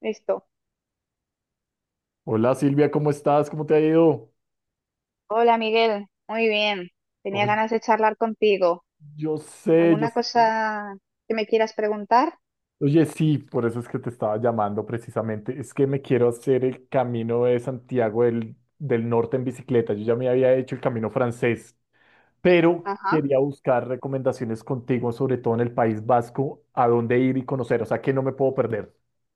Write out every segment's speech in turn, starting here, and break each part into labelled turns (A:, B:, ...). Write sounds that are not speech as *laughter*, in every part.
A: Listo.
B: Hola Silvia, ¿cómo estás? ¿Cómo te ha ido?
A: Hola Miguel, muy bien. Tenía
B: Oye,
A: ganas de charlar contigo.
B: yo sé, yo...
A: ¿Alguna
B: s-
A: cosa que me quieras preguntar?
B: Oye, sí, por eso es que te estaba llamando precisamente. Es que me quiero hacer el camino de Santiago del Norte en bicicleta. Yo ya me había hecho el camino francés, pero
A: Ajá,
B: quería buscar recomendaciones contigo, sobre todo en el País Vasco, a dónde ir y conocer. O sea, que no me puedo perder.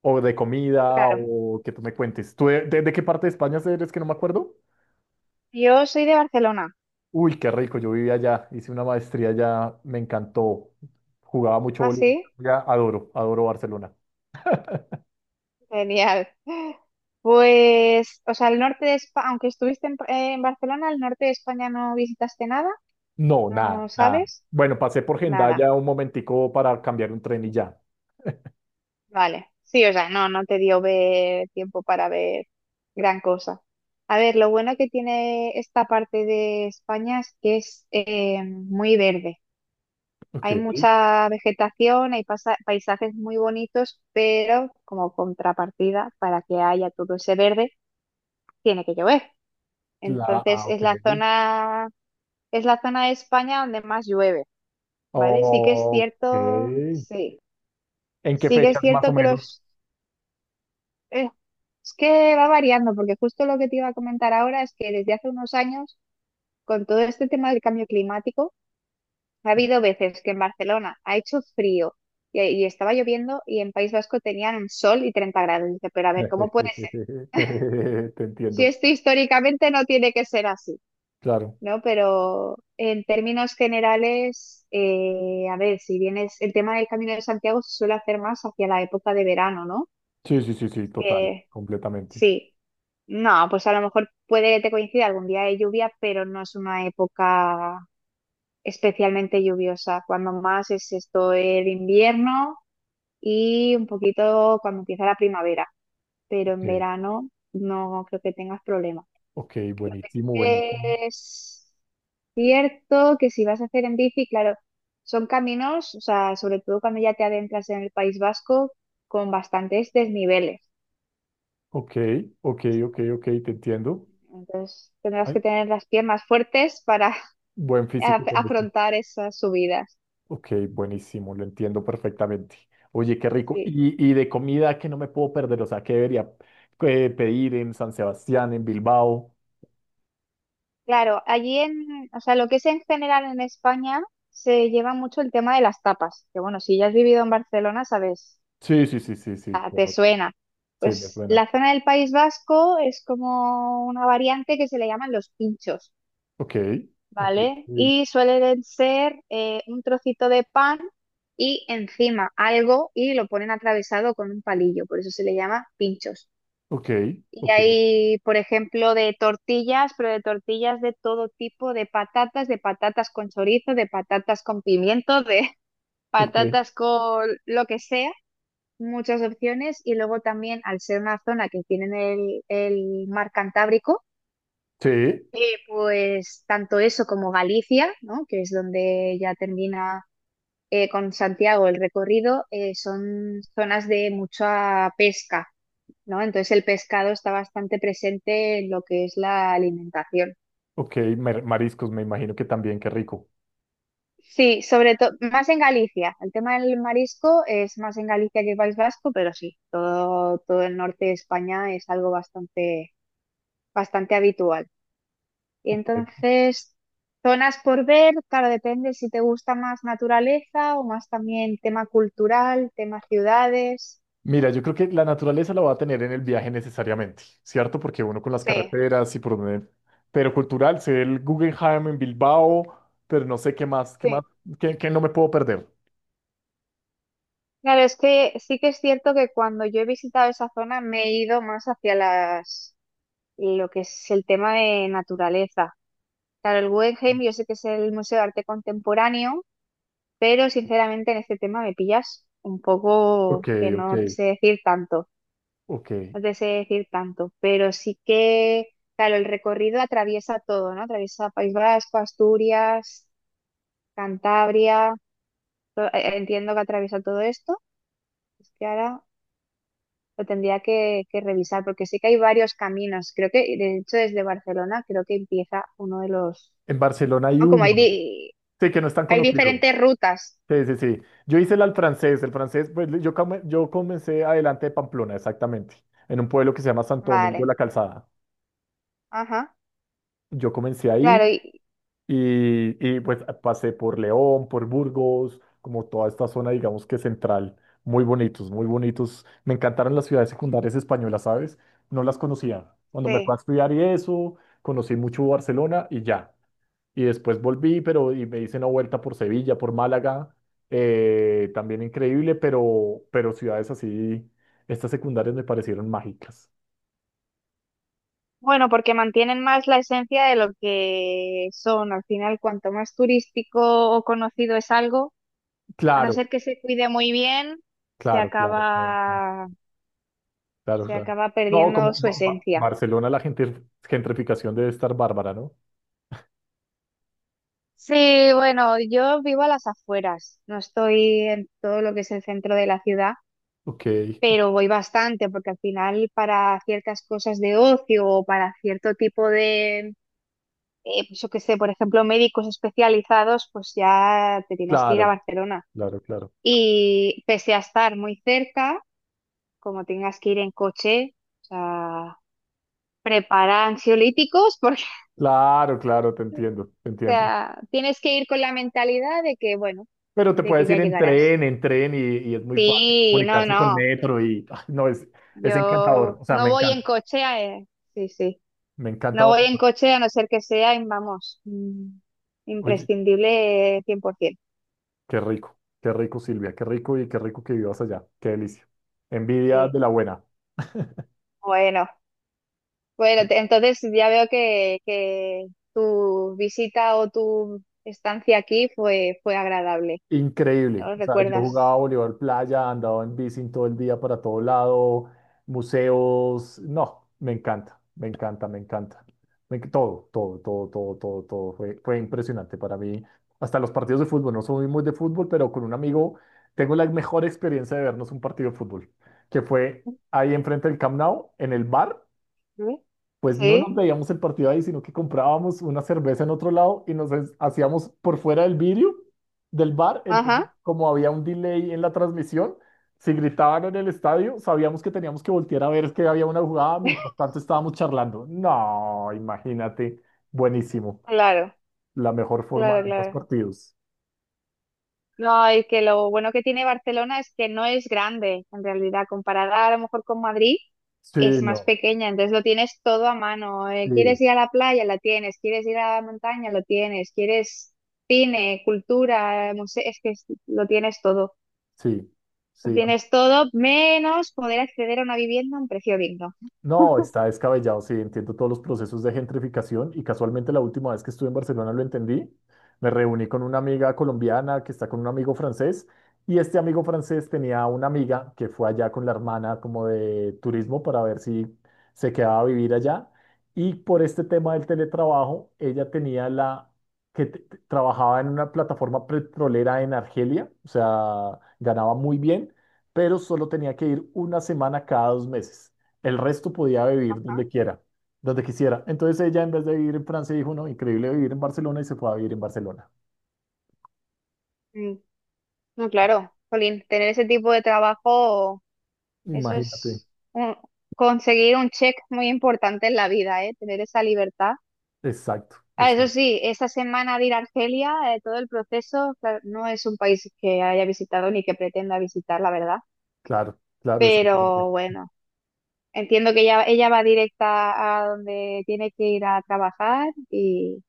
B: O de comida,
A: claro.
B: o que tú me cuentes. ¿Tú de qué parte de España eres que no me acuerdo?
A: Yo soy de Barcelona.
B: Uy, qué rico, yo vivía allá, hice una maestría allá, me encantó. Jugaba mucho
A: ¿Ah,
B: voleibol,
A: sí?
B: ya adoro, adoro Barcelona.
A: Genial. Pues, o sea, el norte de España, aunque estuviste en Barcelona, el norte de España no visitaste nada,
B: No, nada,
A: ¿no
B: nada.
A: sabes?
B: Bueno, pasé por
A: Nada.
B: Hendaya un momentico para cambiar un tren y ya.
A: Vale. Sí, o sea, no te dio tiempo para ver gran cosa. A ver, lo bueno que tiene esta parte de España es que es muy verde.
B: Ok,
A: Hay mucha vegetación, hay paisajes muy bonitos, pero como contrapartida, para que haya todo ese verde, tiene que llover. Entonces,
B: ok.
A: es la zona de España donde más llueve, ¿vale? Sí que es cierto,
B: Ok.
A: sí,
B: ¿En qué
A: sí que es
B: fechas más o
A: cierto que
B: menos?
A: los, eh, es que va variando, porque justo lo que te iba a comentar ahora es que desde hace unos años, con todo este tema del cambio climático, ha habido veces que en Barcelona ha hecho frío y estaba lloviendo y en País Vasco tenían un sol y 30 grados. Y dice, pero a ver, ¿cómo puede ser?
B: *laughs* Te
A: Si
B: entiendo,
A: esto históricamente no tiene que ser así,
B: claro.
A: ¿no? Pero en términos generales, a ver, si bien es el tema del Camino de Santiago se suele hacer más hacia la época de verano, ¿no?
B: Sí, sí, sí, sí, total,
A: Que
B: completamente.
A: sí. No, pues a lo mejor puede que te coincida algún día de lluvia, pero no es una época especialmente lluviosa. Cuando más es esto el invierno y un poquito cuando empieza la primavera, pero
B: Ok,
A: en verano no creo que tengas problemas.
B: ok,
A: Lo que sí
B: buenísimo, buenísimo.
A: que es cierto que si vas a hacer en bici, claro, son caminos, o sea, sobre todo cuando ya te adentras en el País Vasco, con bastantes desniveles.
B: Ok, ok, ok, ok, te entiendo.
A: Entonces tendrás que tener las piernas fuertes para
B: Buen
A: *laughs*
B: físico con eso.
A: afrontar esas subidas.
B: Ok, buenísimo, lo entiendo perfectamente. Oye, qué rico.
A: Sí.
B: Y de comida que no me puedo perder, o sea, ¿qué debería pedir en San Sebastián, en Bilbao?
A: Claro, allí en, o sea, lo que es en general en España se lleva mucho el tema de las tapas, que bueno, si ya has vivido en Barcelona, sabes,
B: Sí, sí, sí, sí, sí,
A: ah, te
B: claro.
A: suena.
B: Sí, me
A: Pues
B: suena.
A: la zona del País Vasco es como una variante que se le llaman los pinchos,
B: Ok, ok,
A: ¿vale?
B: ok,
A: Y suelen ser un trocito de pan y encima algo y lo ponen atravesado con un palillo, por eso se le llama pinchos.
B: ok,
A: Y
B: ok.
A: hay, por ejemplo, de tortillas, pero de tortillas de todo tipo, de patatas con chorizo, de patatas con pimiento, de *laughs*
B: Ok.
A: patatas con lo que sea, muchas opciones. Y luego también, al ser una zona que tienen el mar Cantábrico,
B: Sí,
A: eh, pues tanto eso como Galicia, ¿no? Que es donde ya termina, con Santiago el recorrido, son zonas de mucha pesca. ¿No? Entonces el pescado está bastante presente en lo que es la alimentación.
B: ok, mariscos, me imagino que también, qué rico.
A: Sí, sobre todo, más en Galicia. El tema del marisco es más en Galicia que País Vasco, pero sí, todo el norte de España es algo bastante habitual. Y
B: Ok,
A: entonces, zonas por ver, claro, depende si te gusta más naturaleza o más también tema cultural, tema ciudades.
B: mira, yo creo que la naturaleza la va a tener en el viaje necesariamente, ¿cierto? Porque uno con las
A: Sí,
B: carreteras y por donde... Pero cultural, sé el Guggenheim en Bilbao, pero no sé qué más, qué
A: sí.
B: más, qué, qué no me puedo perder.
A: Claro, es que sí que es cierto que cuando yo he visitado esa zona me he ido más hacia las, lo que es el tema de naturaleza. Claro, el Guggenheim yo sé que es el Museo de Arte Contemporáneo, pero sinceramente en este tema me pillas un poco
B: Ok,
A: que
B: ok,
A: no te sé decir tanto,
B: ok.
A: no te sé decir tanto, pero sí que, claro, el recorrido atraviesa todo, ¿no? Atraviesa País Vasco, Asturias, Cantabria, entiendo que atraviesa todo esto, es que ahora lo tendría que revisar, porque sí que hay varios caminos, creo que, de hecho, desde Barcelona creo que empieza uno de los.
B: En Barcelona hay
A: Ah, como
B: uno.
A: hay,
B: Sí, que no es tan
A: hay
B: conocido.
A: diferentes rutas.
B: Sí, sí, sí. Yo hice el al francés. El francés, pues yo, comencé adelante de Pamplona, exactamente, en un pueblo que se llama Santo Domingo de
A: Vale,
B: la Calzada.
A: ajá,
B: Yo comencé
A: claro,
B: ahí.
A: y
B: Pues pasé por León, por Burgos, como toda esta zona, digamos que central. Muy bonitos, muy bonitos. Me encantaron las ciudades secundarias españolas, ¿sabes? No las conocía. Cuando me fui
A: sí.
B: a estudiar y eso, conocí mucho Barcelona y ya. Y después volví, pero y me hice una vuelta por Sevilla, por Málaga. También increíble, pero ciudades así, estas secundarias me parecieron mágicas.
A: Bueno, porque mantienen más la esencia de lo que son. Al final, cuanto más turístico o conocido es algo, a no
B: Claro,
A: ser que se cuide muy bien, se
B: claro, claro, claro, claro.
A: acaba,
B: Claro,
A: se
B: claro.
A: acaba
B: No,
A: perdiendo
B: como
A: su esencia.
B: Barcelona, la gentrificación debe estar bárbara, ¿no?
A: Sí, bueno, yo vivo a las afueras, no estoy en todo lo que es el centro de la ciudad,
B: Ok,
A: pero voy bastante porque al final para ciertas cosas de ocio o para cierto tipo de, pues yo qué sé, por ejemplo, médicos especializados, pues ya te tienes que ir a
B: claro,
A: Barcelona.
B: claro, claro.
A: Y pese a estar muy cerca, como tengas que ir en coche, o sea, prepara ansiolíticos porque *laughs*
B: Claro, claro, te entiendo, te
A: o
B: entiendo.
A: sea, tienes que ir con la mentalidad de que, bueno,
B: Pero te
A: de que
B: puedes
A: ya
B: ir en
A: llegarás.
B: tren y es muy fácil
A: Sí, no,
B: comunicarse con
A: no,
B: metro y no, es encantador,
A: yo
B: o sea, me
A: no voy en
B: encanta,
A: coche, sí, sí.
B: me encanta.
A: No voy en
B: Barcelona.
A: coche a no ser que sea, vamos,
B: Oye,
A: imprescindible 100%.
B: qué rico, qué rico, Silvia, qué rico y qué rico que vivas allá, qué delicia. Envidia
A: Sí.
B: de la buena. *laughs*
A: Bueno, bueno, entonces ya veo que tu visita o tu estancia aquí fue, fue agradable.
B: Increíble.
A: ¿No
B: O sea, yo jugaba
A: recuerdas?
B: voleibol playa, andaba en bici todo el día para todo lado, museos. No, me encanta, me encanta, me encanta. Todo, todo, todo, todo, todo, todo. Fue impresionante para mí. Hasta los partidos de fútbol. No soy muy de fútbol, pero con un amigo tengo la mejor experiencia de vernos un partido de fútbol, que fue ahí enfrente del Camp Nou, en el bar,
A: ¿Sí?
B: pues no nos
A: ¿Sí?
B: veíamos el partido ahí, sino que comprábamos una cerveza en otro lado y hacíamos por fuera del vidrio del bar. Entonces,
A: Ajá.
B: como había un delay en la transmisión, si gritaban en el estadio, sabíamos que teníamos que voltear a ver que había una jugada, mientras
A: *laughs*
B: tanto estábamos charlando. No, imagínate, buenísimo.
A: Claro,
B: La mejor forma
A: claro,
B: de los
A: claro.
B: partidos.
A: No, y que lo bueno que tiene Barcelona es que no es grande, en realidad, comparada a lo mejor con Madrid,
B: Sí,
A: es más
B: no,
A: pequeña, entonces lo tienes todo a mano. ¿Quieres
B: sí,
A: ir a la playa? La tienes. ¿Quieres ir a la montaña? Lo tienes. ¿Quieres cine, cultura, museo? Es que lo tienes todo.
B: sí,
A: Lo
B: sí.
A: tienes todo, menos poder acceder a una vivienda a un precio digno.
B: No, está descabellado, sí, entiendo todos los procesos de gentrificación y casualmente la última vez que estuve en Barcelona lo entendí. Me reuní con una amiga colombiana que está con un amigo francés y este amigo francés tenía una amiga que fue allá con la hermana como de turismo para ver si se quedaba a vivir allá y por este tema del teletrabajo, ella tenía la que trabajaba en una plataforma petrolera en Argelia, o sea, ganaba muy bien, pero solo tenía que ir 1 semana cada 2 meses. El resto podía vivir
A: Ah,
B: donde quiera, donde quisiera. Entonces ella, en vez de vivir en Francia, dijo, no, increíble vivir en Barcelona y se fue a vivir en Barcelona.
A: mm, No, claro, jolín, tener ese tipo de trabajo, eso
B: Imagínate.
A: es un- conseguir un check muy importante en la vida, ¿eh? Tener esa libertad.
B: Exacto,
A: Ah, eso
B: exacto.
A: sí, esta semana de ir a Argelia, todo el proceso, claro, no es un país que haya visitado ni que pretenda visitar, la verdad.
B: Claro, claro, exactamente.
A: Pero bueno, entiendo que ella va directa a donde tiene que ir a trabajar y,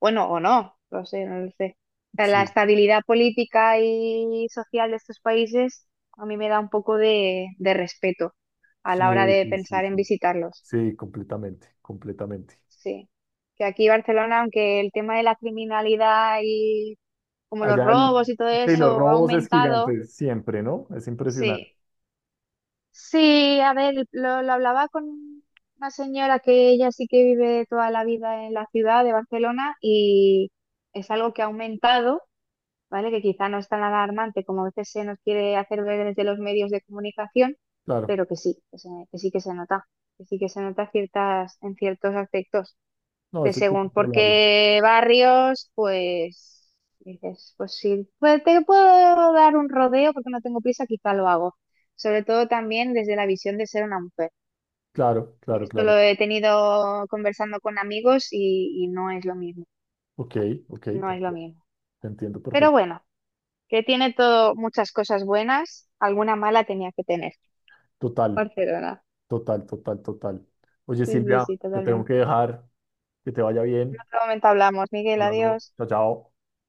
A: bueno, o no, no sé, no lo sé. O sea, la
B: Sí,
A: estabilidad política y social de estos países a mí me da un poco de respeto a
B: sí,
A: la hora de
B: sí, sí,
A: pensar en
B: sí.
A: visitarlos.
B: Sí, completamente, completamente.
A: Sí que aquí Barcelona, aunque el tema de la criminalidad y como los
B: Allá el,
A: robos y todo
B: sí, los
A: eso ha
B: robos es
A: aumentado.
B: gigante, siempre, ¿no? Es impresionante.
A: Sí, sí, a ver, lo hablaba con una señora que ella sí que vive toda la vida en la ciudad de Barcelona y es algo que ha aumentado, ¿vale? Que quizá no es tan alarmante como a veces se nos quiere hacer ver desde los medios de comunicación,
B: Claro.
A: pero que sí, que sí que se nota, que sí que se nota ciertas, en ciertos aspectos
B: No,
A: de
B: eso hay que
A: según por
B: controlarlo.
A: qué barrios, pues dices, pues sí, pues te puedo dar un rodeo porque no tengo prisa, quizá lo hago. Sobre todo también desde la visión de ser una mujer.
B: Claro,
A: Y
B: claro,
A: esto lo
B: claro.
A: he tenido conversando con amigos y no es lo mismo,
B: Ok, ok, te
A: no es lo
B: entiendo,
A: mismo.
B: te entiendo
A: Pero
B: perfectamente.
A: bueno, que tiene todo muchas cosas buenas, alguna mala tenía que tener.
B: Total,
A: Barcelona.
B: total, total, total. Oye,
A: Sí, sí,
B: Silvia,
A: sí,
B: te tengo
A: totalmente.
B: que dejar. Que te vaya
A: En
B: bien.
A: otro momento hablamos. Miguel,
B: Hablando.
A: adiós.
B: Chao, chao.